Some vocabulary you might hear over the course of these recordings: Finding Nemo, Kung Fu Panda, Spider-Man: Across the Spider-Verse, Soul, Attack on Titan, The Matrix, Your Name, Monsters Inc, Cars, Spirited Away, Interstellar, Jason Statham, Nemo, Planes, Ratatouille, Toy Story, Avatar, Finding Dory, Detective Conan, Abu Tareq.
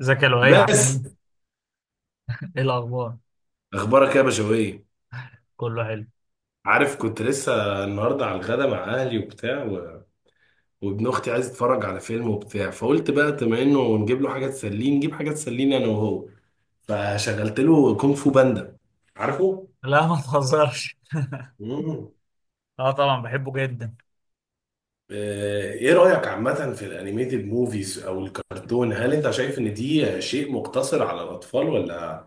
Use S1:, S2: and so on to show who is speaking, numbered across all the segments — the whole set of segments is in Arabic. S1: ازيك يا لؤي عامل
S2: بس.
S1: ايه؟ ايه الاخبار؟
S2: اخبارك يا بشوية.
S1: كله حلو.
S2: عارف كنت لسه النهارده على الغدا مع اهلي وبتاع وابن اختي عايز يتفرج على فيلم وبتاع، فقلت بقى بما انه نجيب له حاجه تسليه نجيب حاجه تسليني انا وهو. فشغلت له كونغ فو باندا. عارفه؟
S1: لا ما تهزرش.
S2: مم.
S1: اه طبعا بحبه جدا.
S2: ايه رايك عامه في الانيميتد موفيز او الكرتون، هل انت شايف ان دي شيء مقتصر على الاطفال، ولا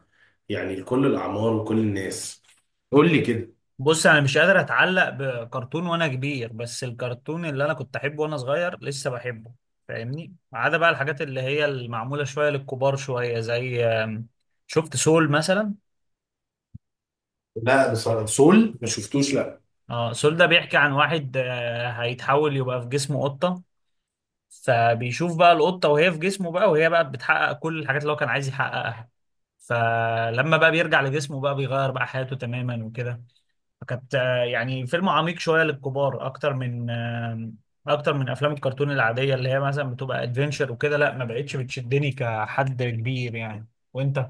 S2: يعني لكل الاعمار وكل الناس؟ قول لي كده.
S1: بص انا مش قادر اتعلق بكرتون وانا كبير، بس الكرتون اللي انا كنت احبه وانا صغير لسه بحبه. فاهمني؟ ما عدا بقى الحاجات اللي هي المعموله شويه للكبار شويه زي شفت سول مثلا؟
S2: لا بصراحة سول ما شفتوش، لا.
S1: اه سول ده بيحكي عن واحد هيتحول يبقى في جسمه قطه، فبيشوف بقى القطه وهي في جسمه بقى، وهي بقى بتحقق كل الحاجات اللي هو كان عايز يحققها. فلما بقى بيرجع لجسمه بقى بيغير بقى حياته تماما وكده. فكانت يعني فيلم عميق شوية للكبار أكتر من آه، أكتر من أفلام الكرتون العادية اللي هي مثلا بتبقى ادفنشر وكده. لا ما بقتش بتشدني كحد كبير يعني. وأنت؟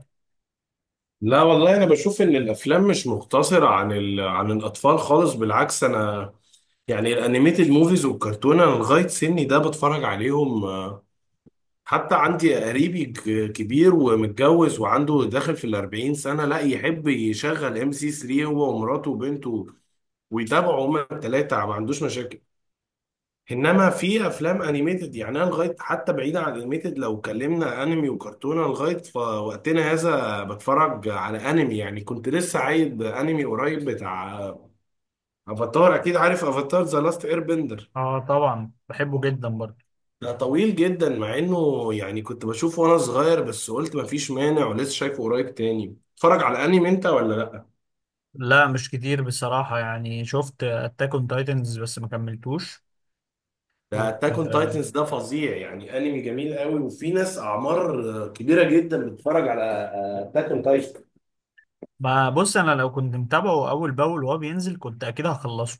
S2: لا والله، انا بشوف ان الافلام مش مقتصره عن الاطفال خالص، بالعكس، انا يعني الانيميتد موفيز والكرتون انا لغايه سني ده بتفرج عليهم. حتى عندي قريبي كبير ومتجوز وعنده داخل في الأربعين سنه، لا يحب يشغل ام سي 3 هو ومراته وبنته، ويتابعوا هما الثلاثه ما عندوش مشاكل. انما في افلام انيميتد يعني، انا لغايه حتى بعيدا عن انيميتد، لو اتكلمنا انمي وكرتونه لغايه وقتنا هذا بتفرج على انمي. يعني كنت لسه عايد انمي قريب بتاع افاتار، اكيد عارف افاتار ذا لاست اير بندر.
S1: آه طبعا بحبه جدا برضه.
S2: ده طويل جدا مع انه يعني كنت بشوفه وانا صغير، بس قلت مفيش مانع ولسه شايفه قريب تاني. اتفرج على انمي انت ولا لا؟
S1: لا مش كتير بصراحة، يعني شفت أتاك أون تايتنز بس ما كملتوش. و...
S2: ده اتاك اون
S1: آه،
S2: تايتنز ده فظيع، يعني انمي جميل قوي، وفي ناس اعمار كبيره جدا بتتفرج على اتاك اون تايتنز.
S1: ما بص أنا لو كنت متابعه أول بأول وهو بينزل كنت أكيد هخلصه.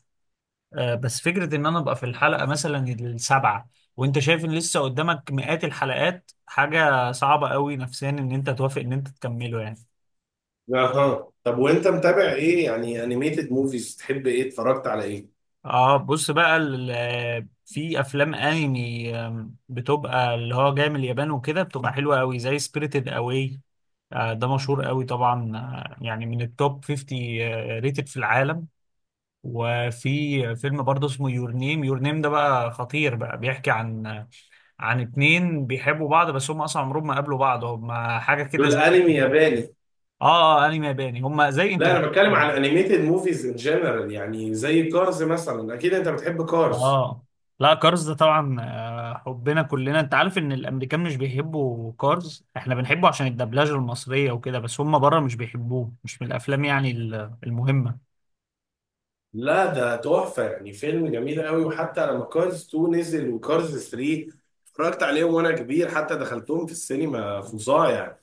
S1: بس فكرة ان انا ابقى في الحلقة مثلا السابعة وانت شايف ان لسه قدامك مئات الحلقات حاجة صعبة قوي نفسيا ان انت توافق ان انت تكمله يعني.
S2: اها، طب وانت متابع ايه يعني؟ انيميتد موفيز تحب ايه؟ اتفرجت على ايه؟
S1: اه بص بقى في افلام انمي بتبقى اللي هو جاي من اليابان وكده، بتبقى حلوة قوي زي سبirited اواي. آه ده مشهور قوي طبعا، يعني من التوب 50 ريتد في العالم. وفي فيلم برضه اسمه يور نيم، يور نيم ده بقى خطير، بقى بيحكي عن عن اتنين بيحبوا بعض بس هم اصلا عمرهم ما قابلوا بعض، هم حاجه كده
S2: دول
S1: زي
S2: انمي ياباني.
S1: اه اه انمي ياباني، هم زي
S2: لا انا بتكلم
S1: انترستيلر.
S2: على انيميتد موفيز ان جنرال، يعني زي كارز مثلا، اكيد انت بتحب كارز.
S1: اه لا كارز ده طبعا حبنا كلنا. انت عارف ان الامريكان مش بيحبوا كارز، احنا بنحبه عشان الدبلجه المصريه وكده، بس هم بره مش بيحبوه، مش من الافلام يعني المهمه.
S2: لا ده تحفه يعني، فيلم جميل قوي. وحتى لما كارز 2 نزل وكارز 3 اتفرجت عليهم وانا كبير، حتى دخلتهم في السينما، فظاع يعني.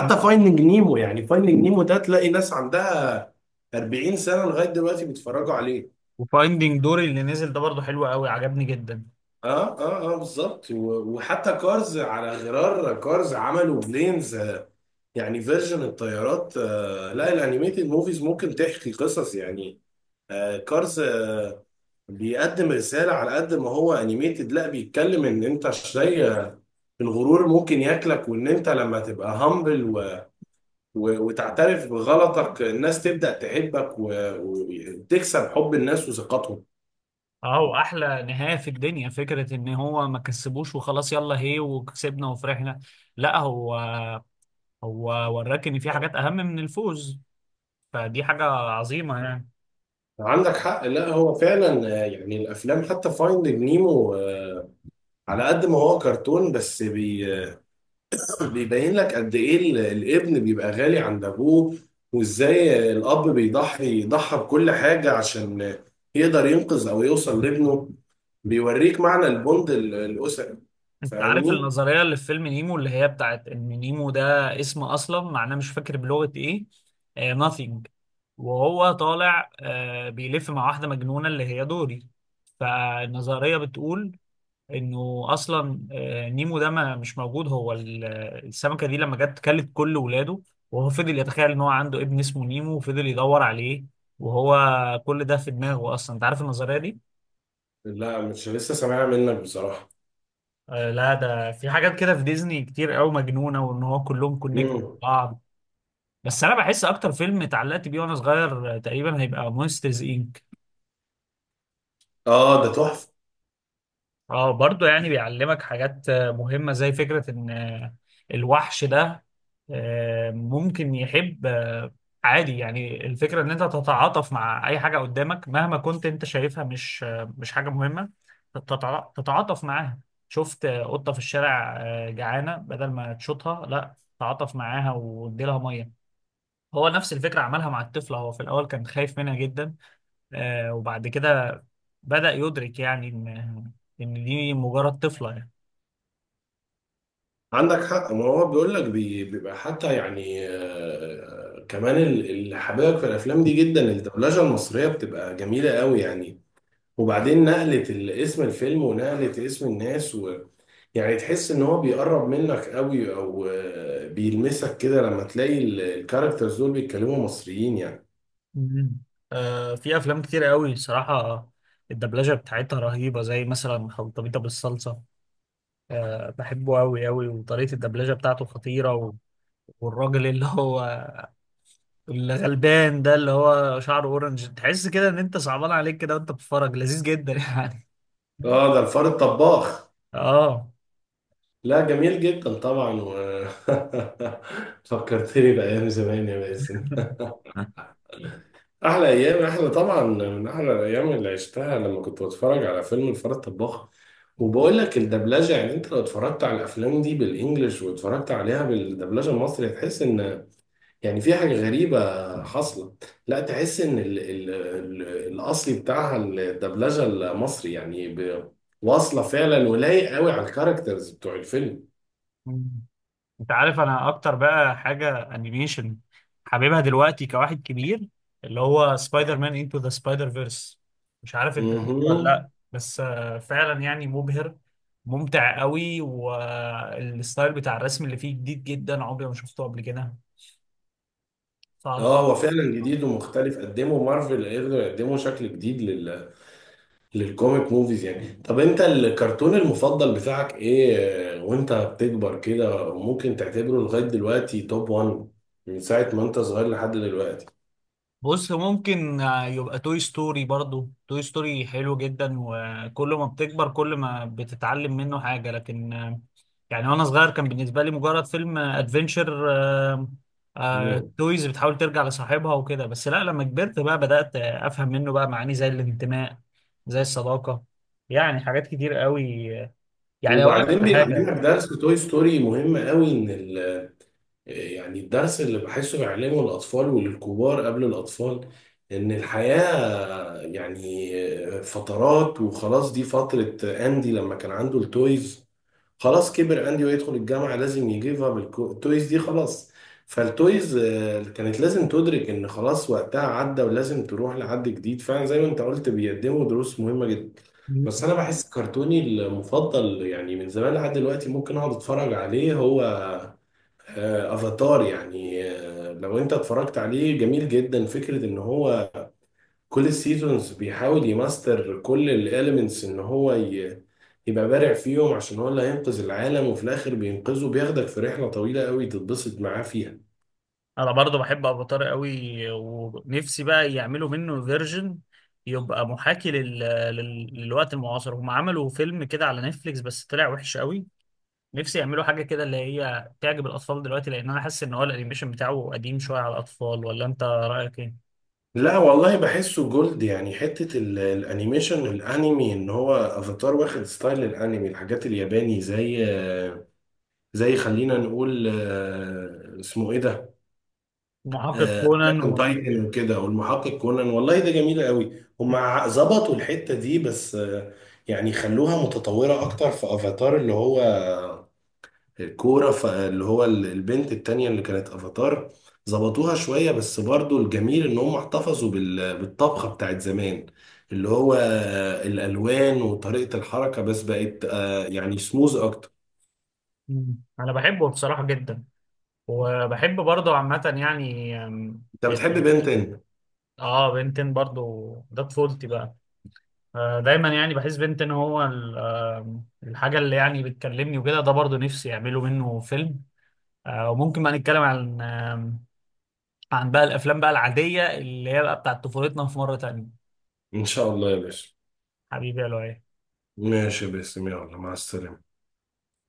S1: مم.
S2: فايندنج نيمو، يعني فايندنج نيمو ده تلاقي ناس عندها 40 سنه لغايه دلوقتي بيتفرجوا عليه.
S1: وفايندينج دوري اللي نزل ده برضه حلو قوي، عجبني جدا.
S2: اه اه اه، بالظبط. وحتى كارز، على غرار كارز عملوا بلينز، يعني فيرجن الطيارات. لا الانيميتد موفيز ممكن تحكي قصص يعني. كارز، بيقدم رسالة على قد ما هو انيميتد. لا بيتكلم ان انت زي الغرور ممكن ياكلك، وان انت لما تبقى هامبل وتعترف بغلطك الناس تبدأ تحبك وتكسب حب الناس وثقتهم.
S1: اه واحلى نهايه في الدنيا فكره ان هو ما كسبوش وخلاص يلا هي وكسبنا وفرحنا. لا هو هو وراك ان في حاجات اهم من الفوز، فدي حاجه عظيمه يعني.
S2: عندك حق. لا هو فعلا، يعني الافلام حتى فايندينج نيمو، على قد ما هو كرتون، بس بي آه، بيبين لك قد ايه الابن بيبقى غالي عند ابوه، وازاي الاب بيضحي، يضحي بكل حاجه عشان يقدر ينقذ او يوصل لابنه. بيوريك معنى البوند الاسري.
S1: انت عارف
S2: فاهمني؟
S1: النظريه اللي في فيلم نيمو، اللي هي بتاعت ان نيمو ده اسم اصلا معناه، مش فاكر بلغه ايه، آه nothing. وهو طالع آه بيلف مع واحده مجنونه اللي هي دوري. فالنظريه بتقول انه اصلا، نيمو ده ما مش موجود. هو السمكه دي لما جت كلت كل ولاده، وهو فضل يتخيل ان هو عنده ابن اسمه نيمو وفضل يدور عليه، وهو كل ده في دماغه اصلا. انت عارف النظريه دي؟
S2: لا مش لسه سامعها منك بصراحه.
S1: آه لا ده في حاجات كده في ديزني كتير قوي مجنونه، وان هو كلهم كونكت
S2: مم.
S1: بعض. بس انا بحس اكتر فيلم اتعلقت بيه وانا صغير تقريبا هيبقى مونسترز انك.
S2: اه ده تحفه.
S1: اه برضه يعني بيعلمك حاجات مهمة، زي فكرة ان الوحش ده ممكن يحب، عادي يعني. الفكرة ان انت تتعاطف مع اي حاجة قدامك مهما كنت انت شايفها مش مش حاجة مهمة، تتعاطف معاها. شفت قطة في الشارع جعانة، بدل ما تشوطها لا تعاطف معاها وادي لها مية. هو نفس الفكرة عملها مع الطفل، هو في الأول كان خايف منها جدا، وبعد كده بدأ يدرك يعني إن إن دي مجرد طفلة يعني.
S2: عندك حق. ما هو بيقول لك بيبقى حتى يعني، كمان اللي حاببك في الافلام دي جدا الدبلجه المصريه بتبقى جميله قوي يعني. وبعدين نقله اسم الفيلم ونقله اسم الناس، و يعني تحس ان هو بيقرب منك قوي، او بيلمسك كده لما تلاقي الكاركترز دول بيتكلموا مصريين يعني.
S1: مم. في أفلام كتير قوي صراحة الدبلجة بتاعتها رهيبة، زي مثلا خلطبيطة بالصلصة، بحبه قوي قوي، وطريقة الدبلجة بتاعته خطيرة والراجل اللي هو اللي غلبان ده اللي هو شعره أورنج، تحس كده إن أنت صعبان عليك كده وأنت بتتفرج، لذيذ جدا يعني.
S2: اه ده الفار الطباخ.
S1: آه.
S2: لا جميل جدا طبعا و فكرتني بأيام زمان يا باسم. احلى ايام، احلى طبعا من احلى الايام اللي عشتها لما كنت بتفرج على فيلم الفار الطباخ. وبقول لك الدبلجه، يعني انت لو اتفرجت على الافلام دي بالانجلش واتفرجت عليها بالدبلجه المصري هتحس ان يعني في حاجه غريبه حاصله. لا تحس ان ال ال ال الاصلي بتاعها الدبلجه المصري يعني واصله فعلا ولايق قوي على الكاركترز بتوع الفيلم.
S1: انت عارف انا اكتر بقى حاجه انيميشن حاببها دلوقتي كواحد كبير، اللي هو سبايدر مان انتو ذا سبايدر فيرس، مش عارف انت شفته ولا
S2: مهم.
S1: لا، بس فعلا يعني مبهر، ممتع قوي. والستايل بتاع الرسم اللي فيه جديد جدا، عمري ما شفته قبل كده. ف
S2: اه هو فعلا جديد ومختلف، قدموا مارفل قدروا يقدموا شكل جديد للكوميك موفيز يعني. طب انت الكرتون المفضل بتاعك ايه وانت بتكبر كده، وممكن تعتبره لغاية دلوقتي توب 1 من ساعة ما انت صغير لحد دلوقتي؟
S1: بص ممكن يبقى توي ستوري. برضو توي ستوري حلو جدا، وكل ما بتكبر كل ما بتتعلم منه حاجة، لكن يعني وانا صغير كان بالنسبة لي مجرد فيلم ادفنشر،
S2: مم.
S1: تويز بتحاول ترجع لصاحبها وكده بس. لا لما كبرت بقى بدأت افهم منه بقى معاني زي الانتماء، زي الصداقة، يعني حاجات كتير قوي. يعني اقول لك
S2: وبعدين
S1: على حاجة،
S2: بيعلمك درس، توي ستوري مهم قوي ان يعني الدرس اللي بحسه بيعلمه الاطفال وللكبار قبل الاطفال، ان الحياة يعني فترات وخلاص. دي فترة اندي لما كان عنده التويز، خلاص كبر اندي ويدخل الجامعه، لازم يجيب اب التويز دي خلاص. فالتويز كانت لازم تدرك ان خلاص وقتها عدى ولازم تروح لحد جديد. فعلا زي ما انت قلت بيقدموا دروس مهمه جدا. بس انا بحس كرتوني المفضل يعني من زمان لحد دلوقتي ممكن اقعد اتفرج عليه هو، افاتار. يعني لو انت اتفرجت عليه جميل جدا، فكره ان هو كل السيزونز بيحاول يماستر كل الاليمنتس ان هو يبقى بارع فيهم عشان هو اللي هينقذ العالم، وفي الاخر بينقذه. بياخدك في رحلة طويلة قوي تتبسط معاه فيها.
S1: انا برضو بحب ابو طارق قوي، ونفسي بقى يعملوا منه فيرجن يبقى محاكي للوقت المعاصر. هم عملوا فيلم كده على نتفليكس بس طلع وحش قوي. نفسي يعملوا حاجة كده اللي هي تعجب الأطفال دلوقتي، لأن أنا حاسس إن هو الأنيميشن بتاعه قديم شوية على الأطفال، ولا أنت رأيك إيه؟
S2: لا والله بحسه جولد يعني، حتة الانيميشن الانمي ان هو افاتار واخد ستايل الانمي، الحاجات الياباني زي خلينا نقول، اسمه ايه ده،
S1: محقق كونان
S2: اتاك اون
S1: و...
S2: تايتن وكده والمحقق كونان. والله ده جميل قوي. هم ظبطوا الحته دي بس، يعني خلوها متطوره اكتر في افاتار، اللي هو الكوره، اللي هو البنت التانية اللي كانت افاتار. ظبطوها شويه بس برضو الجميل ان هم احتفظوا بالطبخه بتاعت زمان، اللي هو الالوان وطريقه الحركه، بس بقت يعني سموز اكتر.
S1: مم. أنا بحبه بصراحة جدا، وبحب برضه عامة يعني
S2: انت بتحب
S1: ال-
S2: بنتين.
S1: آه بنتين برضه، ده طفولتي بقى. دايما يعني بحس بنت ان هو الحاجه اللي يعني بتكلمني وكده، ده برضو نفسي يعملوا منه فيلم. وممكن بقى نتكلم عن عن بقى الافلام بقى العاديه اللي هي بقى بتاعت طفولتنا في مره تانية.
S2: ان شاء الله يا باشا.
S1: حبيبي يا لؤي.
S2: ماشي يا باسم، يلا، مع السلامه.